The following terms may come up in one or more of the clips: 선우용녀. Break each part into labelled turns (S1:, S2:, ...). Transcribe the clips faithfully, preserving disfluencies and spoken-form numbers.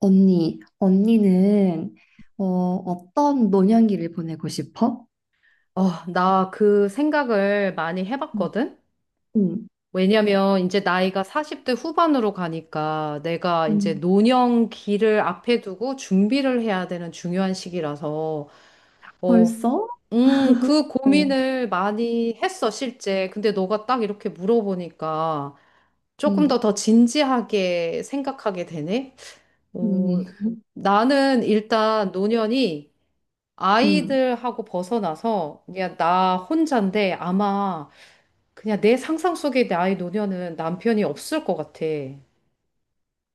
S1: 언니, 언니는 어, 어떤 노년기를 보내고 싶어?
S2: 어, 나 그 생각을 많이
S1: 음.
S2: 해봤거든?
S1: 응.
S2: 왜냐면 이제 나이가 사십 대 후반으로 가니까 내가 이제
S1: 음,
S2: 노년기를 앞에 두고 준비를 해야 되는 중요한 시기라서, 어,
S1: 벌써?
S2: 음, 그
S1: 어.
S2: 고민을 많이 했어, 실제. 근데 너가 딱 이렇게 물어보니까 조금 더
S1: 응.
S2: 더 진지하게 생각하게 되네? 어,
S1: 응.
S2: 나는 일단 노년이
S1: 응.
S2: 아이들하고 벗어나서 그냥 나 혼자인데 아마 그냥 내 상상 속의 나의 노년은 남편이 없을 것 같아.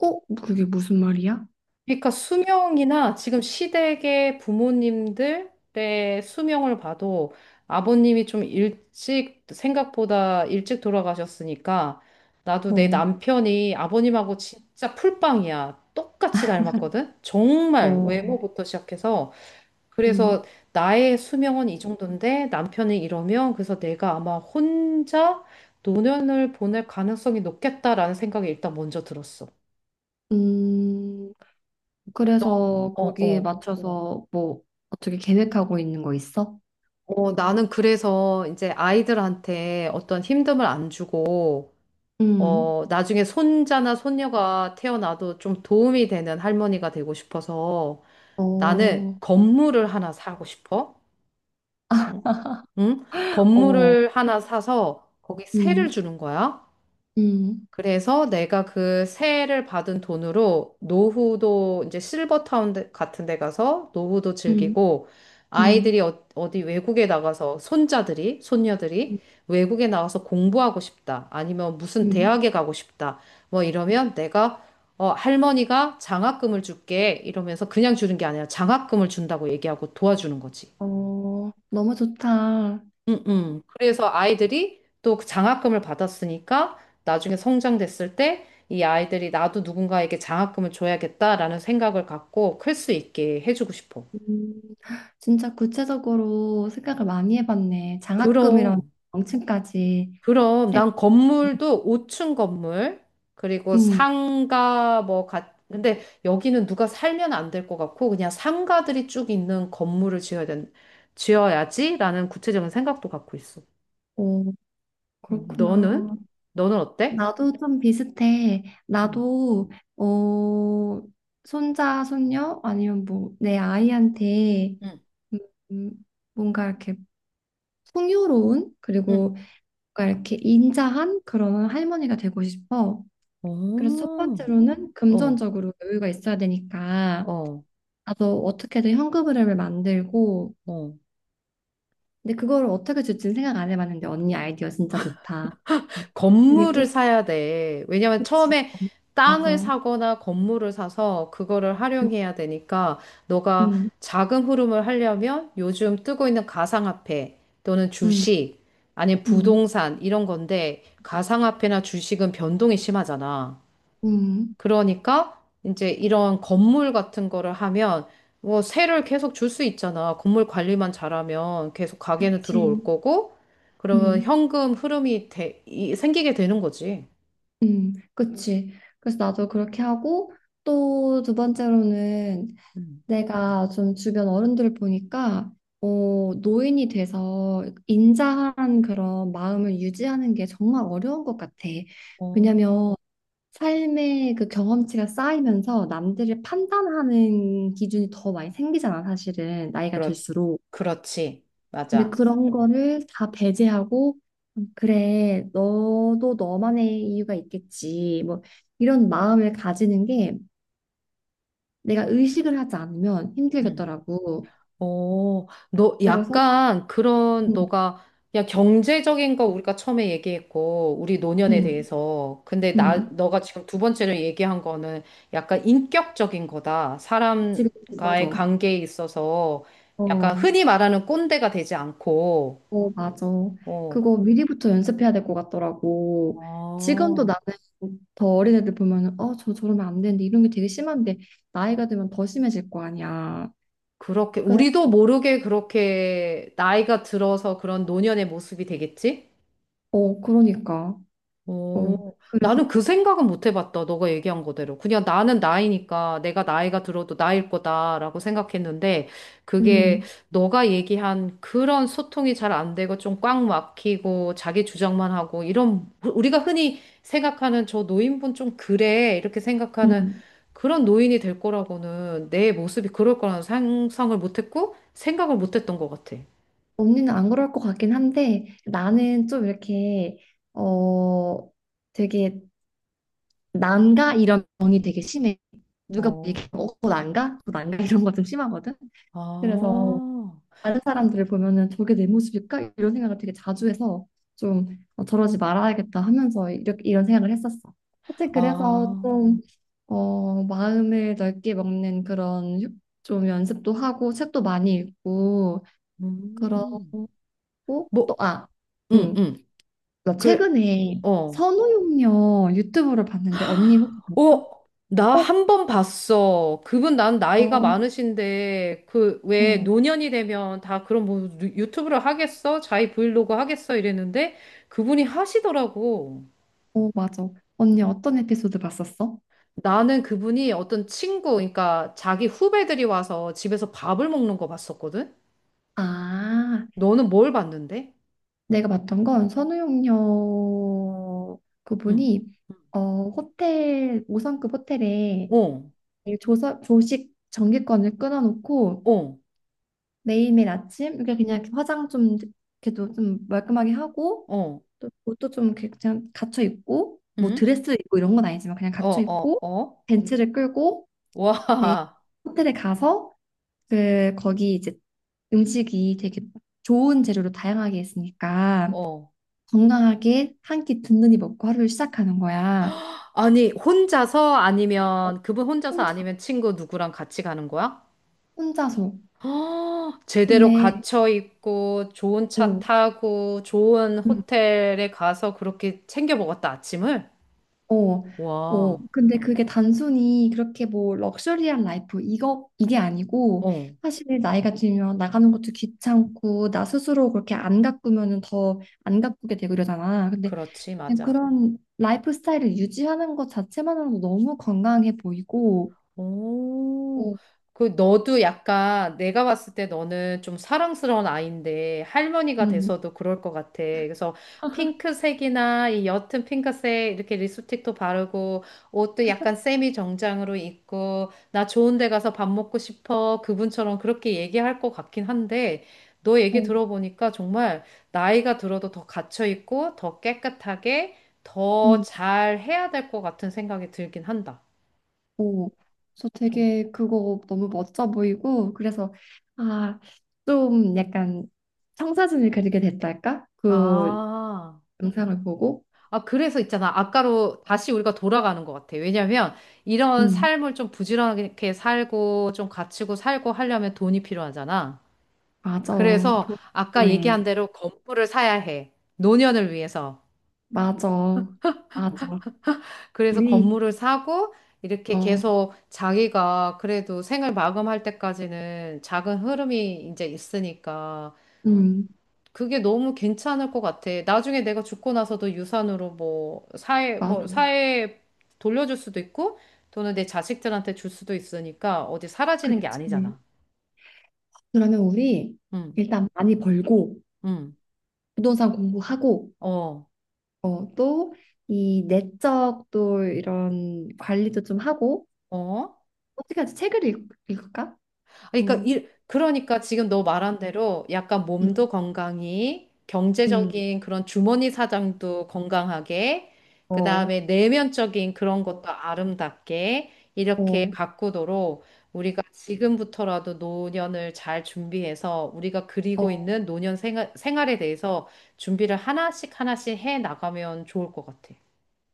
S1: 어, 그게 무슨 말이야?
S2: 그러니까 수명이나 지금 시댁의 부모님들의 수명을 봐도 아버님이 좀 일찍, 생각보다 일찍 돌아가셨으니까 나도 내
S1: 어.
S2: 남편이 아버님하고 진짜 풀빵이야. 똑같이 닮았거든? 정말
S1: 어.
S2: 외모부터 시작해서. 그래서
S1: 음.
S2: 나의 수명은 이 정도인데 남편이 이러면 그래서 내가 아마 혼자 노년을 보낼 가능성이 높겠다라는 생각이 일단 먼저 들었어.
S1: 음. 그래서
S2: 어,
S1: 거기에
S2: 어.
S1: 맞춰서 뭐 어떻게 계획하고 있는 거 있어?
S2: 어, 나는 그래서 이제 아이들한테 어떤 힘듦을 안 주고,
S1: 음.
S2: 어, 나중에 손자나 손녀가 태어나도 좀 도움이 되는 할머니가 되고 싶어서 나는
S1: 어.
S2: 건물을 하나 사고 싶어. 응? 응?
S1: 어.
S2: 건물을 하나 사서 거기 세를
S1: 음.
S2: 주는 거야.
S1: 음.
S2: 그래서 내가 그 세를 받은 돈으로 노후도 이제 실버타운 데- 같은 데 가서 노후도
S1: 음.
S2: 즐기고
S1: 음.
S2: 아이들이 어, 어디 외국에 나가서 손자들이, 손녀들이
S1: 음.
S2: 외국에 나가서 공부하고 싶다. 아니면 무슨
S1: 음.
S2: 대학에 가고 싶다. 뭐 이러면 내가 어, 할머니가 장학금을 줄게. 이러면서 그냥 주는 게 아니라 장학금을 준다고 얘기하고 도와주는 거지.
S1: 어, 너무 좋다.
S2: 음, 음. 그래서 아이들이 또그 장학금을 받았으니까 나중에 성장됐을 때 이 아이들이 나도 누군가에게 장학금을 줘야겠다라는 생각을 갖고 클 수 있게 해주고 싶어.
S1: 음. 진짜 구체적으로 생각을 많이 해봤네. 장학금이랑
S2: 그럼,
S1: 명칭까지
S2: 그럼
S1: 생각.
S2: 난 건물도 오 층 건물, 그리고
S1: 음.
S2: 상가 뭐 같, 근데 여기는 누가 살면 안 될 것 같고 그냥 상가들이 쭉 있는 건물을 지어야 된, 지어야지라는 구체적인 생각도 갖고 있어.
S1: 어,
S2: 음, 너는?
S1: 그렇구나.
S2: 너는 어때?
S1: 나도 좀 비슷해.
S2: 응,
S1: 나도, 어, 손자, 손녀, 아니면 뭐, 내 아이한테, 음, 음, 뭔가 이렇게 풍요로운,
S2: 응.
S1: 그리고 뭔가 이렇게 인자한 그런 할머니가 되고 싶어. 그래서 첫
S2: 어,
S1: 번째로는
S2: 어,
S1: 금전적으로 여유가 있어야 되니까.
S2: 어,
S1: 나도 어떻게든 현금 흐름을 만들고,
S2: 어.
S1: 근데 그거를 어떻게 줄지는 생각 안 해봤는데 언니 아이디어 진짜 좋다. 응.
S2: 건물을
S1: 그리고
S2: 사야 돼. 왜냐면
S1: 그치
S2: 처음에 땅을
S1: 맞아.
S2: 사거나 건물을 사서 그거를 활용해야 되니까 너가
S1: 응응응응응.
S2: 자금 흐름을 하려면 요즘 뜨고 있는 가상화폐 또는 주식 아니면 부동산 이런 건데 가상화폐나 주식은 변동이 심하잖아. 그러니까 이제 이런 건물 같은 거를 하면 뭐 세를 계속 줄 수 있잖아. 건물 관리만 잘하면 계속 가게는 들어올
S1: 그치.
S2: 거고 그러면
S1: 응응.
S2: 현금 흐름이 돼- 이- 생기게 되는 거지.
S1: 그치. 그래서 나도 그렇게 하고 또 두 번째로는
S2: 음.
S1: 내가 좀 주변 어른들을 보니까 어, 노인이 돼서 인자한 그런 마음을 유지하는 게 정말 어려운 것 같아.
S2: 어,
S1: 왜냐면 삶의 그 경험치가 쌓이면서 남들을 판단하는 기준이 더 많이 생기잖아, 사실은. 나이가
S2: 그렇,
S1: 들수록.
S2: 그렇지.
S1: 근데
S2: 맞아.
S1: 그런 거를 다 배제하고, 음, 그래, 너도 너만의 이유가 있겠지. 뭐, 이런 마음을 가지는 게 내가 의식을 하지 않으면
S2: 음.
S1: 힘들겠더라고.
S2: 어, 너
S1: 그래서.
S2: 약간 그런
S1: 음.
S2: 너가 그냥 경제적인 거 우리가 처음에 얘기했고 우리 노년에
S1: 음.
S2: 대해서 근데 나
S1: 음.
S2: 너가 지금 두 번째로 얘기한 거는 약간 인격적인 거다.
S1: 지금,
S2: 사람과의
S1: 맞아.
S2: 관계에 있어서 약간
S1: 어.
S2: 흔히 말하는 꼰대가 되지 않고
S1: 어, 맞아.
S2: 어.
S1: 그거 미리부터 연습해야 될 것 같더라고. 지금도
S2: 아,
S1: 나는 더 어린 애들 보면은, 어, 저 저러면 안 되는데, 이런 게 되게 심한데, 나이가 들면 더 심해질 거 아니야.
S2: 그렇게
S1: 그래.
S2: 우리도 모르게 그렇게 나이가 들어서 그런 노년의 모습이 되겠지?
S1: 어, 그러니까.
S2: 오,
S1: 어,
S2: 나는
S1: 그래서.
S2: 그 생각은 못 해봤다. 너가 얘기한 거대로. 그냥 나는 나이니까 내가 나이가 들어도 나일 거다라고 생각했는데 그게
S1: 음.
S2: 너가 얘기한 그런 소통이 잘 안 되고 좀 꽉 막히고 자기 주장만 하고 이런 우리가 흔히 생각하는 저 노인분 좀 그래 이렇게 생각하는
S1: 음.
S2: 그런 노인이 될 거라고는 내 모습이 그럴 거라는 상상을 못 했고 생각을 못 했던 것 같아.
S1: 언니는 안 그럴 것 같긴 한데, 나는 좀 이렇게, 어, 되게, 난가? 이런 병이 되게 심해. 누가 보기에,
S2: 어,
S1: 어, 난가? 너 난가? 이런 거 좀 심하거든? 그래서,
S2: 아,
S1: 다른 사람들을 보면은 저게 내 모습일까? 이런 생각을 되게 자주 해서 좀 어, 저러지 말아야겠다 하면서 이렇게 이런 생각을 했었어. 사실 그래서
S2: 아,
S1: 좀 어, 마음을 넓게 먹는 그런 휴- 좀 연습도 하고 책도 많이 읽고
S2: 음.
S1: 그러고 또
S2: 뭐
S1: 아.
S2: 응,
S1: 응.
S2: 응.
S1: 나
S2: 그래,
S1: 최근에
S2: 어.
S1: 선우용녀 유튜브를 봤는데 언니 혹시 봤어?
S2: 어, 나
S1: 어.
S2: 한번 봤어. 그분 난 나이가
S1: 어.
S2: 많으신데, 그, 왜
S1: 어.
S2: 노년이 되면 다 그런 뭐 유- 유튜브를 하겠어? 자기 브이로그 하겠어? 이랬는데, 그분이 하시더라고.
S1: 어, 맞아. 언니 어떤 에피소드 봤었어?
S2: 나는 그분이 어떤 친구, 그러니까 자기 후배들이 와서 집에서 밥을 먹는 거 봤었거든?
S1: 아,
S2: 너는 뭘 봤는데?
S1: 내가 봤던 건 선우용녀
S2: 응.
S1: 그분이 어 호텔 오 성급 호텔에
S2: 응.
S1: 조서, 조식 정기권을 끊어놓고
S2: 어, 어,
S1: 매일매일 아침 이렇게 그냥 이렇게 화장 좀 이렇게도 좀 말끔하게 하고
S2: 어,
S1: 또 옷도 좀 이렇게 그냥 갖춰 입고 뭐
S2: 응?
S1: 드레스 입고 이런 건 아니지만 그냥
S2: 어,
S1: 갖춰
S2: 어,
S1: 입고
S2: 어.
S1: 벤츠를 끌고
S2: 와,
S1: 매일 호텔에 가서 그 거기 이제 음식이 되게 좋은 재료로 다양하게 있으니까
S2: 어.
S1: 건강하게 한 끼 든든히 먹고 하루를 시작하는 거야.
S2: 아니, 혼자서 아니면, 그분 혼자서
S1: 혼자,
S2: 아니면 친구 누구랑 같이 가는 거야?
S1: 혼자서.
S2: 헉, 제대로
S1: 근데.
S2: 갇혀 있고, 좋은 차
S1: 어.
S2: 타고, 좋은
S1: 음.
S2: 호텔에 가서 그렇게 챙겨 먹었다, 아침을?
S1: 어. 어.
S2: 와,
S1: 근데 그게 단순히 그렇게 뭐 럭셔리한 라이프, 이거, 이게 아니고,
S2: 어,
S1: 사실 나이가 들면 나가는 것도 귀찮고, 나 스스로 그렇게 안 가꾸면은 더 안 가꾸게 되고 이러잖아. 근데
S2: 그렇지,
S1: 그냥
S2: 맞아.
S1: 그런 라이프 스타일을 유지하는 것 자체만으로도 너무 건강해 보이고,
S2: 오,
S1: 어.
S2: 그 너도 약간 내가 봤을 때 너는 좀 사랑스러운 아이인데 할머니가
S1: 음.
S2: 돼서도 그럴 것 같아. 그래서 핑크색이나 이 옅은 핑크색 이렇게 립스틱도 바르고 옷도 약간 세미 정장으로 입고 나 좋은 데 가서 밥 먹고 싶어. 그분처럼 그렇게 얘기할 것 같긴 한데 너 얘기
S1: 어.
S2: 들어보니까 정말 나이가 들어도 더 갇혀 있고 더 깨끗하게 더
S1: 음.
S2: 잘 해야 될 것 같은 생각이 들긴 한다.
S1: 어, 저
S2: 좀.
S1: 되게 그거 너무 멋져 보이고 그래서 아, 좀 약간 청사진을 그리게 됐달까? 그
S2: 아,
S1: 영상을 보고.
S2: 아, 그래서 있잖아. 아까로 다시 우리가 돌아가는 것 같아. 왜냐면 이런
S1: 음,
S2: 삶을 좀 부지런하게 살고 좀 갖추고 살고 하려면 돈이 필요하잖아.
S1: 맞아.
S2: 그래서 아까
S1: 도쿄에
S2: 얘기한 대로 건물을 사야 해. 노년을 위해서.
S1: 맞아. 맞아.
S2: 그래서
S1: 우리.
S2: 건물을 사고 이렇게
S1: 어.
S2: 계속 자기가 그래도 생을 마감할 때까지는 작은 흐름이 이제 있으니까
S1: 음.
S2: 그게 너무 괜찮을 것 같아. 나중에 내가 죽고 나서도 유산으로 뭐 사회 뭐
S1: 맞아.
S2: 사회에 돌려줄 수도 있고 또는 내 자식들한테 줄 수도 있으니까 어디 사라지는 게
S1: 그렇지.
S2: 아니잖아.
S1: 그러면 우리
S2: 응,
S1: 일단 많이 벌고
S2: 응,
S1: 부동산 공부하고
S2: 어,
S1: 어, 또 이 내적 또 이런 관리도 좀 하고
S2: 어.
S1: 어떻게 하지? 책을 읽, 읽을까?
S2: 아, 그러니까
S1: 어.
S2: 일, 그러니까 지금 너 말한 대로 약간
S1: 음.
S2: 몸도 건강히
S1: 음.
S2: 경제적인 그런 주머니 사정도 건강하게
S1: 어.
S2: 그다음에 내면적인 그런 것도 아름답게
S1: 어.
S2: 이렇게
S1: 어.
S2: 가꾸도록 우리가 지금부터라도 노년을 잘 준비해서 우리가 그리고 있는 노년 생활, 생활에 대해서 준비를 하나씩 하나씩 해 나가면 좋을 것 같아.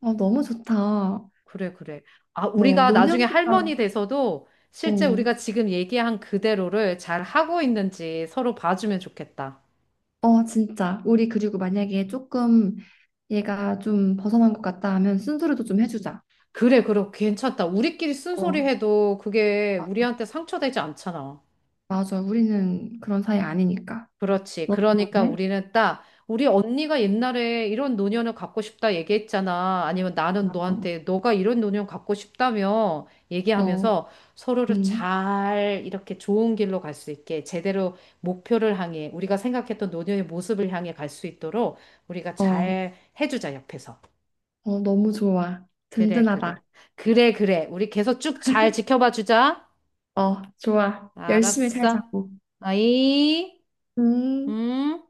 S1: 어, 너무 좋다. 어.
S2: 그래, 그래. 아, 우리가 나중에
S1: 노년보다.
S2: 할머니 돼서도 실제
S1: 어.
S2: 우리가 지금 얘기한 그대로를 잘 하고 있는지 서로 봐주면 좋겠다.
S1: 어, 진짜. 우리 그리고 만약에 조금 얘가 좀 벗어난 것 같다 하면 순소리도 좀 해주자.
S2: 그래, 그래, 괜찮다. 우리끼리 쓴소리
S1: 어.
S2: 해도 그게
S1: 마-
S2: 우리한테 상처되지 않잖아.
S1: 맞아. 우리는 그런 사이 아니니까.
S2: 그렇지.
S1: 너무
S2: 그러니까
S1: 좋은데?
S2: 우리는 딱, 우리 언니가 옛날에 이런 노년을 갖고 싶다 얘기했잖아. 아니면 나는
S1: 맞아.
S2: 너한테, 너가 이런 노년 갖고 싶다며
S1: 어.
S2: 얘기하면서 서로를
S1: 음.
S2: 잘 이렇게 좋은 길로 갈 수 있게 제대로 목표를 향해, 우리가 생각했던 노년의 모습을 향해 갈 수 있도록 우리가
S1: 어.
S2: 잘 해주자, 옆에서.
S1: 어, 너무 좋아.
S2: 그래, 그래.
S1: 든든하다.
S2: 그래, 그래. 우리 계속 쭉 잘 지켜봐 주자.
S1: 어, 좋아. 열심히
S2: 알았어.
S1: 살자고.
S2: 아이,
S1: 음.
S2: 음.